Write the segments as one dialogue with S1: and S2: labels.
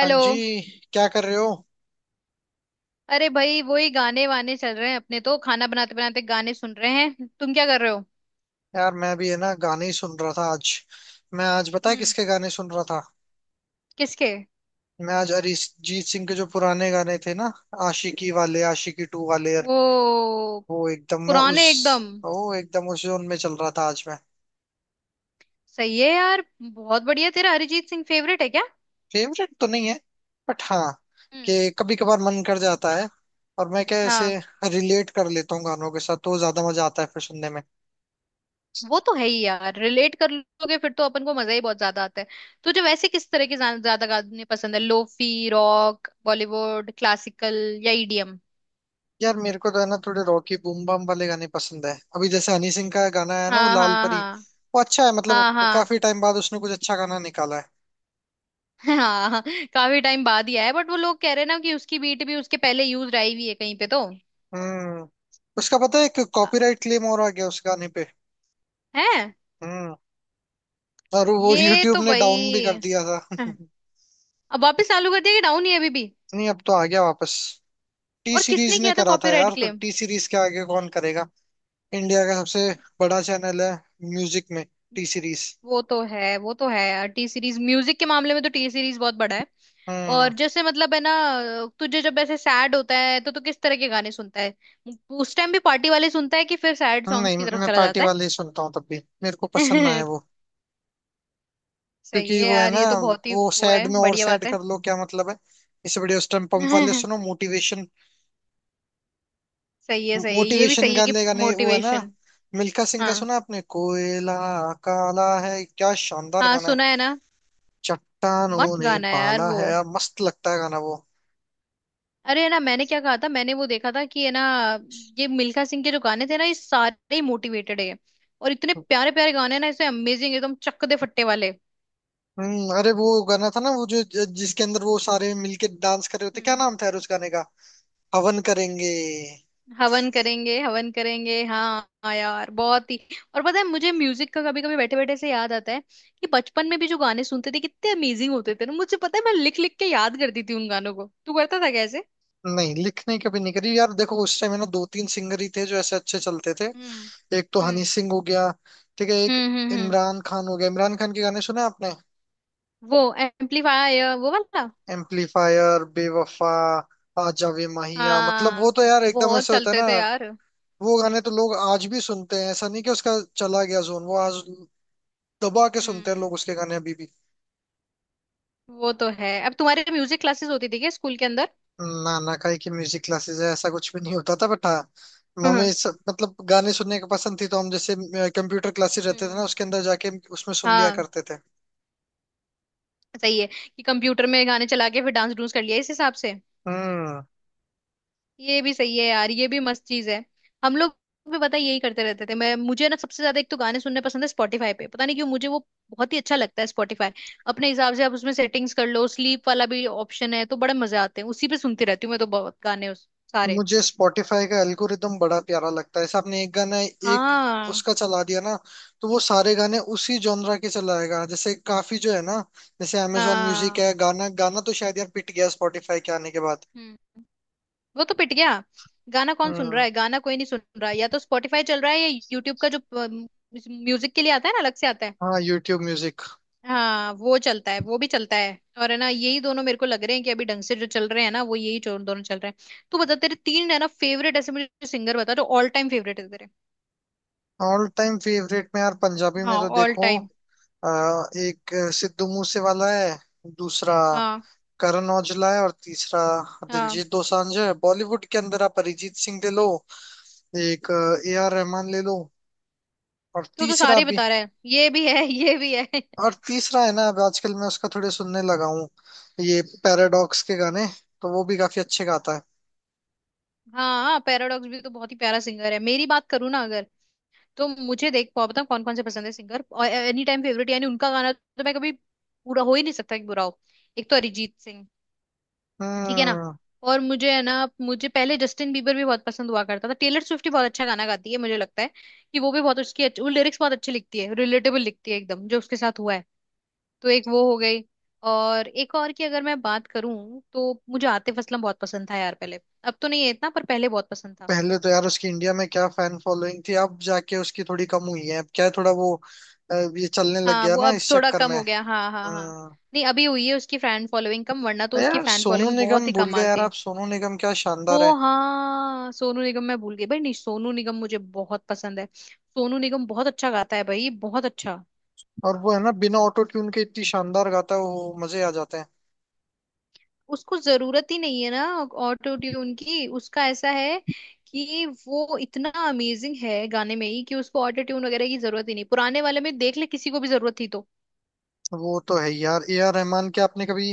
S1: हाँ जी। क्या कर रहे हो?
S2: अरे भाई वही गाने वाने चल रहे हैं, अपने तो खाना बनाते बनाते गाने सुन रहे हैं। तुम क्या कर रहे हो?
S1: यार, मैं भी है ना गाने ही सुन रहा था आज। मैं आज पता है
S2: हम्म।
S1: किसके गाने सुन रहा था?
S2: किसके?
S1: मैं आज अरिजीत सिंह के जो पुराने गाने थे ना, आशिकी वाले, आशिकी टू वाले यार।
S2: वो
S1: वो एकदम मैं उस
S2: पुराने एकदम।
S1: वो एकदम उस जोन में चल रहा था आज मैं।
S2: सही है यार, बहुत बढ़िया। तेरा अरिजीत सिंह फेवरेट है क्या?
S1: फेवरेट तो नहीं है, बट हाँ,
S2: हम्म।
S1: कि कभी कभार मन कर जाता है। और मैं क्या ऐसे
S2: हाँ।
S1: रिलेट कर लेता हूँ गानों के साथ, तो ज्यादा मजा आता है फिर सुनने में।
S2: वो तो है ही यार, रिलेट कर लोगे फिर तो अपन को मजा ही बहुत ज्यादा आता है। तुझे वैसे किस तरह के ज्यादा गाने पसंद है? लोफी, रॉक, बॉलीवुड, क्लासिकल या ईडीएम?
S1: यार, मेरे को तो है ना थोड़े रॉकी बूम बम वाले गाने पसंद है। अभी जैसे हनी सिंह का गाना है ना, वो
S2: हाँ
S1: लाल
S2: हाँ
S1: परी।
S2: हाँ।
S1: वो अच्छा है,
S2: हाँ
S1: मतलब
S2: हाँ
S1: काफी टाइम बाद उसने कुछ अच्छा गाना निकाला है।
S2: हाँ। काफी टाइम बाद ही आया, बट वो लोग कह रहे हैं ना कि उसकी बीट भी उसके पहले यूज आई हुई है कहीं पे तो।
S1: हम्म। उसका पता है, एक
S2: अ-
S1: कॉपीराइट क्लेम और आ गया उस गाने पे।
S2: है?
S1: हम्म। और वो
S2: ये
S1: यूट्यूब
S2: तो
S1: ने डाउन भी
S2: भाई।
S1: कर दिया था।
S2: हाँ। अब वापस चालू कर दिया कि डाउन ही है अभी भी?
S1: नहीं, अब तो आ गया वापस। टी
S2: और किसने
S1: सीरीज ने
S2: किया था
S1: करा था
S2: कॉपीराइट
S1: यार, तो
S2: क्लेम?
S1: टी सीरीज के आगे कौन करेगा। इंडिया का सबसे बड़ा चैनल है म्यूजिक में, टी सीरीज।
S2: वो तो है, वो तो है। टी सीरीज म्यूजिक के मामले में तो टी सीरीज बहुत बड़ा है।
S1: हम्म।
S2: और जैसे मतलब है ना, तुझे जब ऐसे सैड होता है तो तू किस तरह के गाने सुनता है? उस टाइम भी पार्टी वाले सुनता है कि फिर सैड सॉन्ग्स
S1: नहीं,
S2: की तरफ
S1: मैं
S2: चला
S1: पार्टी
S2: जाता
S1: वाले ही सुनता हूँ तब भी, मेरे को पसंद ना है
S2: है?
S1: वो।
S2: सही
S1: क्योंकि
S2: है
S1: वो है
S2: यार,
S1: ना,
S2: ये तो बहुत ही
S1: वो
S2: वो
S1: सैड
S2: है,
S1: में और
S2: बढ़िया बात
S1: सैड कर लो, क्या मतलब है। इससे बढ़िया उस टाइम पंप वाले
S2: है।
S1: सुनो, मोटिवेशन।
S2: सही है, सही है, ये भी
S1: मोटिवेशन
S2: सही है
S1: का
S2: कि
S1: लेगा नहीं वो है ना।
S2: मोटिवेशन।
S1: मिल्खा सिंह का
S2: हाँ।
S1: सुना आपने, कोयला काला है? क्या शानदार
S2: हाँ
S1: गाना है।
S2: सुना है ना।
S1: चट्टानों
S2: मस्त
S1: ने
S2: गाना है यार
S1: पाला
S2: वो।
S1: है यार, मस्त लगता है गाना वो।
S2: अरे है ना, मैंने क्या कहा था, मैंने वो देखा था कि है ना, ये मिल्खा सिंह के जो गाने थे ना ये सारे मोटिवेटेड है। और इतने प्यारे प्यारे गाने हैं ना इसमें, अमेजिंग, एकदम चक दे फट्टे वाले।
S1: हम्म। अरे वो गाना था ना, वो जो जिसके अंदर वो सारे मिलके डांस कर रहे होते, क्या
S2: हम्म।
S1: नाम था यार उस गाने का? हवन करेंगे।
S2: हवन करेंगे, हवन करेंगे। हाँ हाँ यार, बहुत ही। और पता है, मुझे म्यूजिक का कभी कभी बैठे बैठे से याद आता है कि बचपन में भी जो गाने सुनते थे कितने अमेजिंग होते थे ना। मुझे पता है, मैं लिख लिख के याद करती थी उन गानों को। तू करता था कैसे?
S1: नहीं, लिखने कभी नहीं करी यार। देखो उस टाइम है ना, दो तीन सिंगर ही थे जो ऐसे अच्छे चलते थे।
S2: हम्म।
S1: एक तो हनी
S2: हम्म
S1: सिंह हो गया। ठीक है, एक
S2: हम्म। हम्म।
S1: इमरान खान हो गया। इमरान खान के गाने सुने आपने?
S2: वो एम्पलीफायर, वो वाला।
S1: एम्पलीफायर, बेवफा, आजा वे माहिया, मतलब वो
S2: हाँ,
S1: तो यार एकदम
S2: बहुत
S1: ऐसे होता है
S2: चलते
S1: ना।
S2: थे यार।
S1: वो गाने तो लोग आज भी सुनते हैं, ऐसा नहीं कि उसका चला गया जोन वो आज। दबा के सुनते हैं
S2: हम्म।
S1: लोग उसके गाने अभी भी।
S2: वो तो है। अब तुम्हारे म्यूजिक क्लासेस होती थी क्या स्कूल के अंदर?
S1: नाना का की म्यूजिक क्लासेस है ऐसा कुछ भी नहीं होता था, बट हाँ।
S2: हाँ।
S1: हमें सब मतलब गाने सुनने की पसंद थी, तो हम जैसे कंप्यूटर क्लासेस रहते थे ना,
S2: हम्म।
S1: उसके अंदर जाके उसमें सुन लिया
S2: हाँ।
S1: करते थे।
S2: सही है, कि कंप्यूटर में गाने चला के फिर डांस डूंस कर लिया इस हिसाब से।
S1: हम्म।
S2: ये भी सही है यार, ये भी मस्त चीज है। हम लोग भी पता है यही करते रहते थे। मैं, मुझे ना सबसे ज्यादा एक तो गाने सुनने पसंद है। स्पॉटिफाई पे पता नहीं क्यों मुझे वो बहुत ही अच्छा लगता है, स्पॉटिफाई। अपने हिसाब से आप उसमें सेटिंग्स कर लो, स्लीप वाला भी ऑप्शन है, तो बड़े मजे आते हैं। उसी पे सुनती रहती हूँ मैं तो बहुत गाने, सारे।
S1: मुझे स्पॉटिफाई का एल्गोरिदम बड़ा प्यारा लगता है। जैसे आपने एक गाना, एक
S2: हाँ।
S1: उसका चला दिया ना, तो वो सारे गाने उसी जॉनरा के चलाएगा, जैसे काफी जो है ना। जैसे अमेजोन म्यूजिक
S2: हाँ।
S1: है, गाना, गाना तो शायद यार पिट गया स्पॉटिफाई के आने के बाद।
S2: हम्म। वो तो पिट गया। गाना कौन सुन रहा
S1: हम्म।
S2: है, गाना कोई नहीं सुन रहा। या तो स्पॉटिफाई चल रहा है या यूट्यूब का जो म्यूजिक के लिए आता है ना अलग से आता है।
S1: हाँ, यूट्यूब म्यूजिक।
S2: हाँ, वो चलता है, वो भी चलता है। और है ना, यही दोनों मेरे को लग रहे हैं कि अभी ढंग से जो चल रहे हैं ना वो यही जो दोनों चल रहे हैं। तू बता, तेरे तीन है ना फेवरेट ऐसे, मुझे सिंगर बता जो ऑल टाइम फेवरेट है तेरे।
S1: ऑल टाइम फेवरेट में यार, पंजाबी में
S2: हाँ,
S1: तो
S2: ऑल
S1: देखो,
S2: टाइम।
S1: आ, एक सिद्धू मूसे वाला है। दूसरा
S2: हाँ।
S1: करण औजला है, और तीसरा
S2: हाँ।
S1: दिलजीत दोसांझ है। बॉलीवुड के अंदर आप अरिजीत सिंह ले लो। एक ए आर रहमान ले लो। और
S2: तू तो
S1: तीसरा
S2: सारे
S1: भी,
S2: बता रहा है, ये भी है ये भी है
S1: और तीसरा है ना, अब आजकल मैं उसका थोड़े सुनने लगा हूँ, ये पैराडॉक्स के गाने, तो वो भी काफी अच्छे गाता है।
S2: हाँ, पैराडॉक्स भी तो बहुत ही प्यारा सिंगर है। मेरी बात करूँ ना अगर, तो मुझे देख, पाओ बता कौन कौन से पसंद है सिंगर और एनी टाइम फेवरेट यानी उनका गाना तो मैं कभी पूरा हो ही नहीं सकता कि बुरा हो। एक तो अरिजीत सिंह। ठीक है ना।
S1: हम्म।
S2: और मुझे है ना, मुझे पहले जस्टिन बीबर भी बहुत पसंद हुआ करता था। टेलर स्विफ्ट भी बहुत अच्छा गाना गाती है, मुझे लगता है कि वो भी बहुत, उसकी अच्छी वो लिरिक्स बहुत अच्छी लिखती है, रिलेटेबल लिखती है एकदम जो उसके साथ हुआ है। तो एक वो हो गई। और एक और की अगर मैं बात करूं तो मुझे आतिफ असलम बहुत पसंद था यार पहले। अब तो नहीं है इतना, पर पहले बहुत पसंद था।
S1: पहले तो यार उसकी इंडिया में क्या फैन फॉलोइंग थी। अब जाके उसकी थोड़ी कम हुई है। अब क्या है थोड़ा वो, ये चलने लग
S2: हाँ,
S1: गया
S2: वो
S1: ना
S2: अब
S1: इस
S2: थोड़ा
S1: चक्कर
S2: कम
S1: में।
S2: हो गया। हाँ हाँ हाँ।
S1: हम्म।
S2: नहीं, अभी हुई है उसकी फैन फॉलोइंग कम, वरना तो उसकी
S1: यार
S2: फैन
S1: सोनू
S2: फॉलोइंग
S1: निगम
S2: बहुत ही
S1: भूल गए
S2: कमाल
S1: यार
S2: थी।
S1: आप। सोनू निगम क्या
S2: ओ
S1: शानदार है।
S2: हाँ, सोनू निगम मैं भूल गई भाई। नहीं सोनू निगम मुझे बहुत पसंद है। सोनू निगम बहुत अच्छा गाता है भाई, बहुत अच्छा।
S1: और वो है ना, बिना ऑटो ट्यून के इतनी शानदार गाता है वो, मजे आ जाते हैं।
S2: उसको जरूरत ही नहीं है ना, ऑटो ट्यून की। उसका ऐसा है कि वो इतना अमेजिंग है गाने में ही कि उसको ऑटो ट्यून वगैरह की जरूरत ही नहीं। पुराने वाले में देख ले, किसी को भी जरूरत थी तो?
S1: वो तो है यार।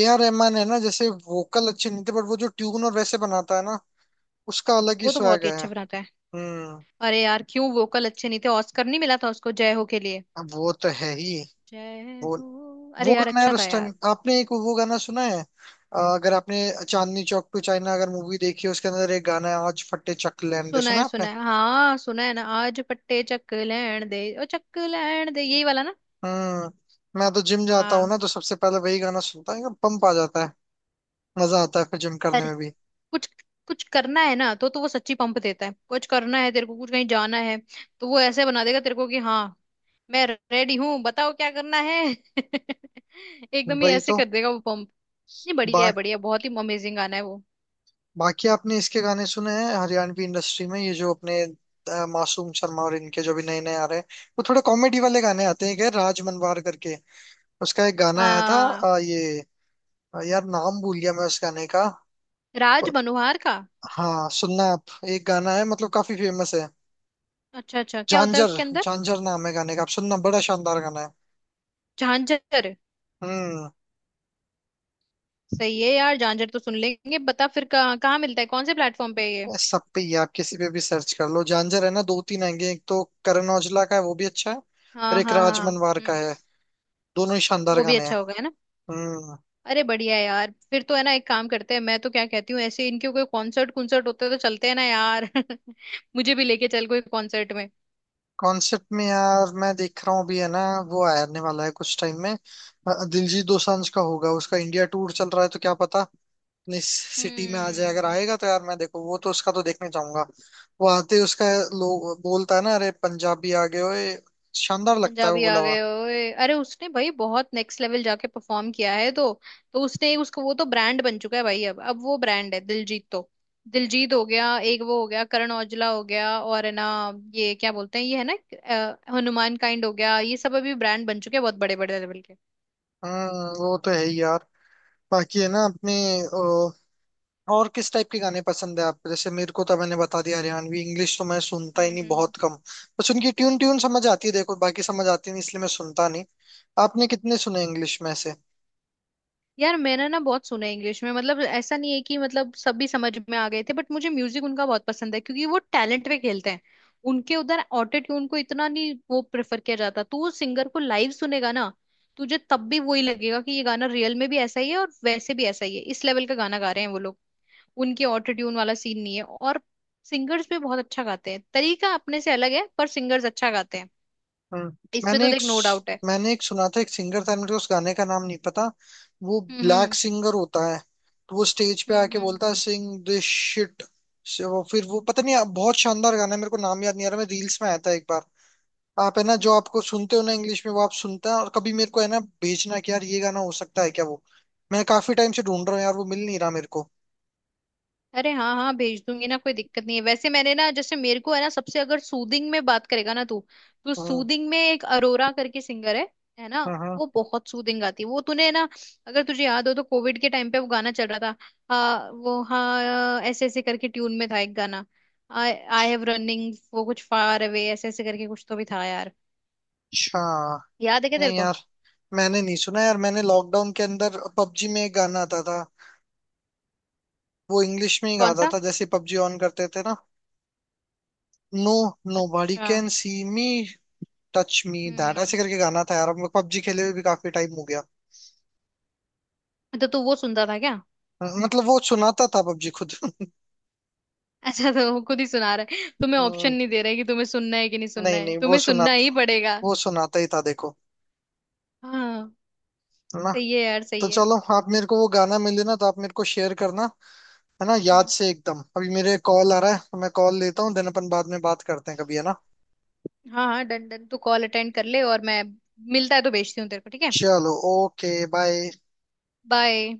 S1: ए आर रहमान है ना, जैसे वोकल अच्छे नहीं थे, बट वो जो ट्यून और वैसे बनाता है ना, उसका अलग ही
S2: वो तो बहुत
S1: स्वैग
S2: ही
S1: है।
S2: अच्छे बनाता है।
S1: हम्म।
S2: अरे यार क्यों वोकल अच्छे नहीं थे, ऑस्कर नहीं मिला था उसको जय हो के लिए?
S1: अब वो तो है ही।
S2: जय
S1: वो
S2: हो,
S1: वो
S2: अरे यार
S1: गाना यार
S2: अच्छा था
S1: उस
S2: यार।
S1: टाइम आपने एक, वो गाना सुना है अगर आपने, चांदनी चौक टू चाइना अगर मूवी देखी है, उसके अंदर एक गाना है, आज फटे चक दे,
S2: सुना
S1: सुना
S2: है
S1: है आपने?
S2: सुना है, हाँ सुना है ना। आज पट्टे चक लैण दे, ओ चक लैण दे, यही वाला ना।
S1: हम्म। मैं तो जिम जाता हूँ
S2: हाँ।
S1: ना, तो सबसे पहले वही गाना सुनता है, पंप आ जाता है। मजा आता है फिर जिम करने
S2: अरे,
S1: में भी।
S2: कुछ कुछ करना है ना तो वो सच्ची पंप देता है। कुछ करना है तेरे को, कुछ कहीं जाना है, तो वो ऐसे बना देगा तेरे को कि हाँ मैं रेडी हूँ, बताओ क्या करना है एकदम ही
S1: वही
S2: ऐसे
S1: तो।
S2: कर देगा वो, पंप। नहीं, बढ़िया है, बढ़िया। बहुत ही अमेजिंग गाना है वो।
S1: बाकी आपने इसके गाने सुने हैं हरियाणवी इंडस्ट्री में? ये जो अपने मासूम शर्मा और इनके जो भी नए नए आ रहे हैं, वो थोड़े कॉमेडी वाले गाने आते हैं क्या, राज मनवार करके। उसका एक गाना आया था,
S2: हाँ,
S1: ये यार नाम भूल गया मैं उस गाने का।
S2: राज मनोहार का?
S1: हाँ, सुनना आप, एक गाना है मतलब काफी फेमस है।
S2: अच्छा अच्छा, क्या होता है
S1: झांझर,
S2: उसके अंदर?
S1: झांझर नाम है गाने का। आप सुनना, बड़ा शानदार गाना है।
S2: झांझर।
S1: हम्म।
S2: सही है यार, झांझर तो सुन लेंगे। बता फिर कहाँ कहाँ मिलता है, कौन से प्लेटफॉर्म पे है ये?
S1: सब पे ही है, आप किसी पे भी सर्च कर लो झांझर, है ना, दो तीन आएंगे। एक तो करण औजला का है, वो भी अच्छा है, और
S2: हाँ
S1: एक
S2: हाँ
S1: राज
S2: हाँ।
S1: मनवार का
S2: हम्म।
S1: है। दोनों ही शानदार
S2: वो भी
S1: गाने हैं।
S2: अच्छा होगा है ना।
S1: हम्म।
S2: अरे बढ़िया है यार, फिर तो है ना एक काम करते हैं, मैं तो क्या कहती हूँ ऐसे, इनके कोई कॉन्सर्ट कुंसर्ट होते हैं तो चलते हैं ना यार मुझे भी लेके चल कोई कॉन्सर्ट में।
S1: कॉन्सेप्ट में यार, मैं देख रहा हूँ अभी है ना, वो आने वाला है कुछ टाइम में, दिलजीत दोसांझ का होगा। उसका इंडिया टूर चल रहा है, तो क्या पता अपनी सिटी में आ जाए। अगर
S2: हम्म।
S1: आएगा तो यार मैं देखो, वो तो उसका तो देखने चाहूंगा। वो आते ही उसका लोग बोलता है ना, अरे पंजाबी आ गए ओए, शानदार लगता है वो
S2: पंजाबी आ गए
S1: बुलावा।
S2: ओए। अरे उसने भाई बहुत नेक्स्ट लेवल जाके परफॉर्म किया है, तो उसने उसको, वो तो ब्रांड बन चुका है भाई। अब वो ब्रांड है दिलजीत तो। दिलजीत हो गया एक, वो हो गया करण औजला हो गया, और है ना, ये क्या बोलते हैं ये है ना, हनुमान काइंड हो गया। ये सब अभी ब्रांड बन चुके हैं बहुत बड़े बड़े लेवल के।
S1: हम्म। वो तो है ही यार। बाकी है ना अपने, और किस टाइप के गाने पसंद है आपको? जैसे मेरे को तो मैंने बता दिया, हरियाणवी। इंग्लिश तो मैं सुनता ही
S2: हम्म
S1: नहीं,
S2: हम्म हम्म।
S1: बहुत कम। बस उनकी ट्यून, ट्यून समझ आती है देखो, बाकी समझ आती नहीं, इसलिए मैं सुनता नहीं। आपने कितने सुने इंग्लिश में से?
S2: यार मैंने ना बहुत सुना है इंग्लिश में, मतलब ऐसा नहीं है कि मतलब सभी समझ में आ गए थे, बट मुझे म्यूजिक उनका बहुत पसंद है क्योंकि वो टैलेंट पे खेलते हैं। उनके उधर ऑटो ट्यून को इतना नहीं वो प्रेफर किया जाता। तू उस सिंगर को लाइव सुनेगा ना, तुझे तब भी वही लगेगा कि ये गाना रियल में भी ऐसा ही है और वैसे भी ऐसा ही है। इस लेवल का गाना गा रहे हैं वो लोग, उनके ऑटो ट्यून वाला सीन नहीं है। और सिंगर्स भी बहुत अच्छा गाते हैं, तरीका अपने से अलग है पर सिंगर्स अच्छा गाते हैं।
S1: हम्म।
S2: इसमें
S1: मैंने
S2: तो
S1: एक
S2: देख नो डाउट है।
S1: मैंने एक सुना था, एक सिंगर था, मुझे उस गाने का नाम नहीं पता। वो ब्लैक
S2: हम्म।
S1: सिंगर होता है। तो वो स्टेज पे आके
S2: हम्म।
S1: बोलता है, सिंग दिस शिट। वो फिर वो, पता नहीं, बहुत शानदार गाना है, मेरे को नाम याद नहीं आ रहा। मैं रील्स में आया था एक बार। आप है ना, जो
S2: हम्म।
S1: आपको सुनते हो ना इंग्लिश में, वो आप सुनता है, और कभी मेरे को है ना भेजना कि यार, ये गाना हो सकता है क्या वो। मैं काफी टाइम से ढूंढ रहा हूँ यार, वो मिल नहीं रहा मेरे को।
S2: अरे हाँ हाँ, भेज दूंगी ना, कोई दिक्कत नहीं है। वैसे मैंने ना, जैसे मेरे को है ना सबसे अगर सूदिंग में बात करेगा ना तू, तो
S1: हम्म।
S2: सूदिंग में एक अरोरा करके सिंगर है ना।
S1: हम्म। हम्म।
S2: वो बहुत सूदिंग गाती है। वो तूने ना, अगर तुझे याद हो तो कोविड के टाइम पे वो गाना चल रहा था, वो हाँ ऐसे ऐसे करके ट्यून में था एक गाना। आई आई हैव रनिंग वो कुछ फार अवे, ऐसे ऐसे करके कुछ तो भी था यार।
S1: अच्छा,
S2: याद है क्या तेरे
S1: नहीं
S2: को?
S1: यार, मैंने नहीं सुना यार। मैंने लॉकडाउन के अंदर पबजी में एक गाना आता था। वो इंग्लिश में ही
S2: कौन
S1: गाता
S2: सा?
S1: था, जैसे पबजी ऑन करते थे ना। नो, नो बॉडी
S2: अच्छा।
S1: Can see me, touch me that ऐसे
S2: हम्म।
S1: करके गाना था यार। अब पबजी खेले हुए भी काफी टाइम हो गया।
S2: तो तू वो सुनता था क्या?
S1: मतलब वो सुनाता था पबजी खुद।
S2: अच्छा, तो वो खुद ही सुना रहा है, तुम्हें ऑप्शन
S1: हम्म,
S2: नहीं दे रहा है कि तुम्हें सुनना है कि नहीं सुनना
S1: नहीं,
S2: है,
S1: नहीं, वो
S2: तुम्हें सुनना
S1: सुनाता
S2: ही पड़ेगा।
S1: वो सुनाता ही था देखो,
S2: हाँ।
S1: है ना।
S2: सही है यार,
S1: तो
S2: सही है।
S1: चलो, आप मेरे को वो गाना मिले ना तो आप मेरे को शेयर करना, है ना, याद
S2: हम्म।
S1: से एकदम। अभी मेरे कॉल आ रहा है, तो मैं कॉल लेता हूँ, देन अपन बाद में बात करते हैं कभी, है ना।
S2: हाँ हाँ डन डन, तू कॉल अटेंड कर ले, और मैं मिलता है तो भेजती हूँ तेरे को, ठीक है।
S1: चलो, ओके, बाय।
S2: बाय।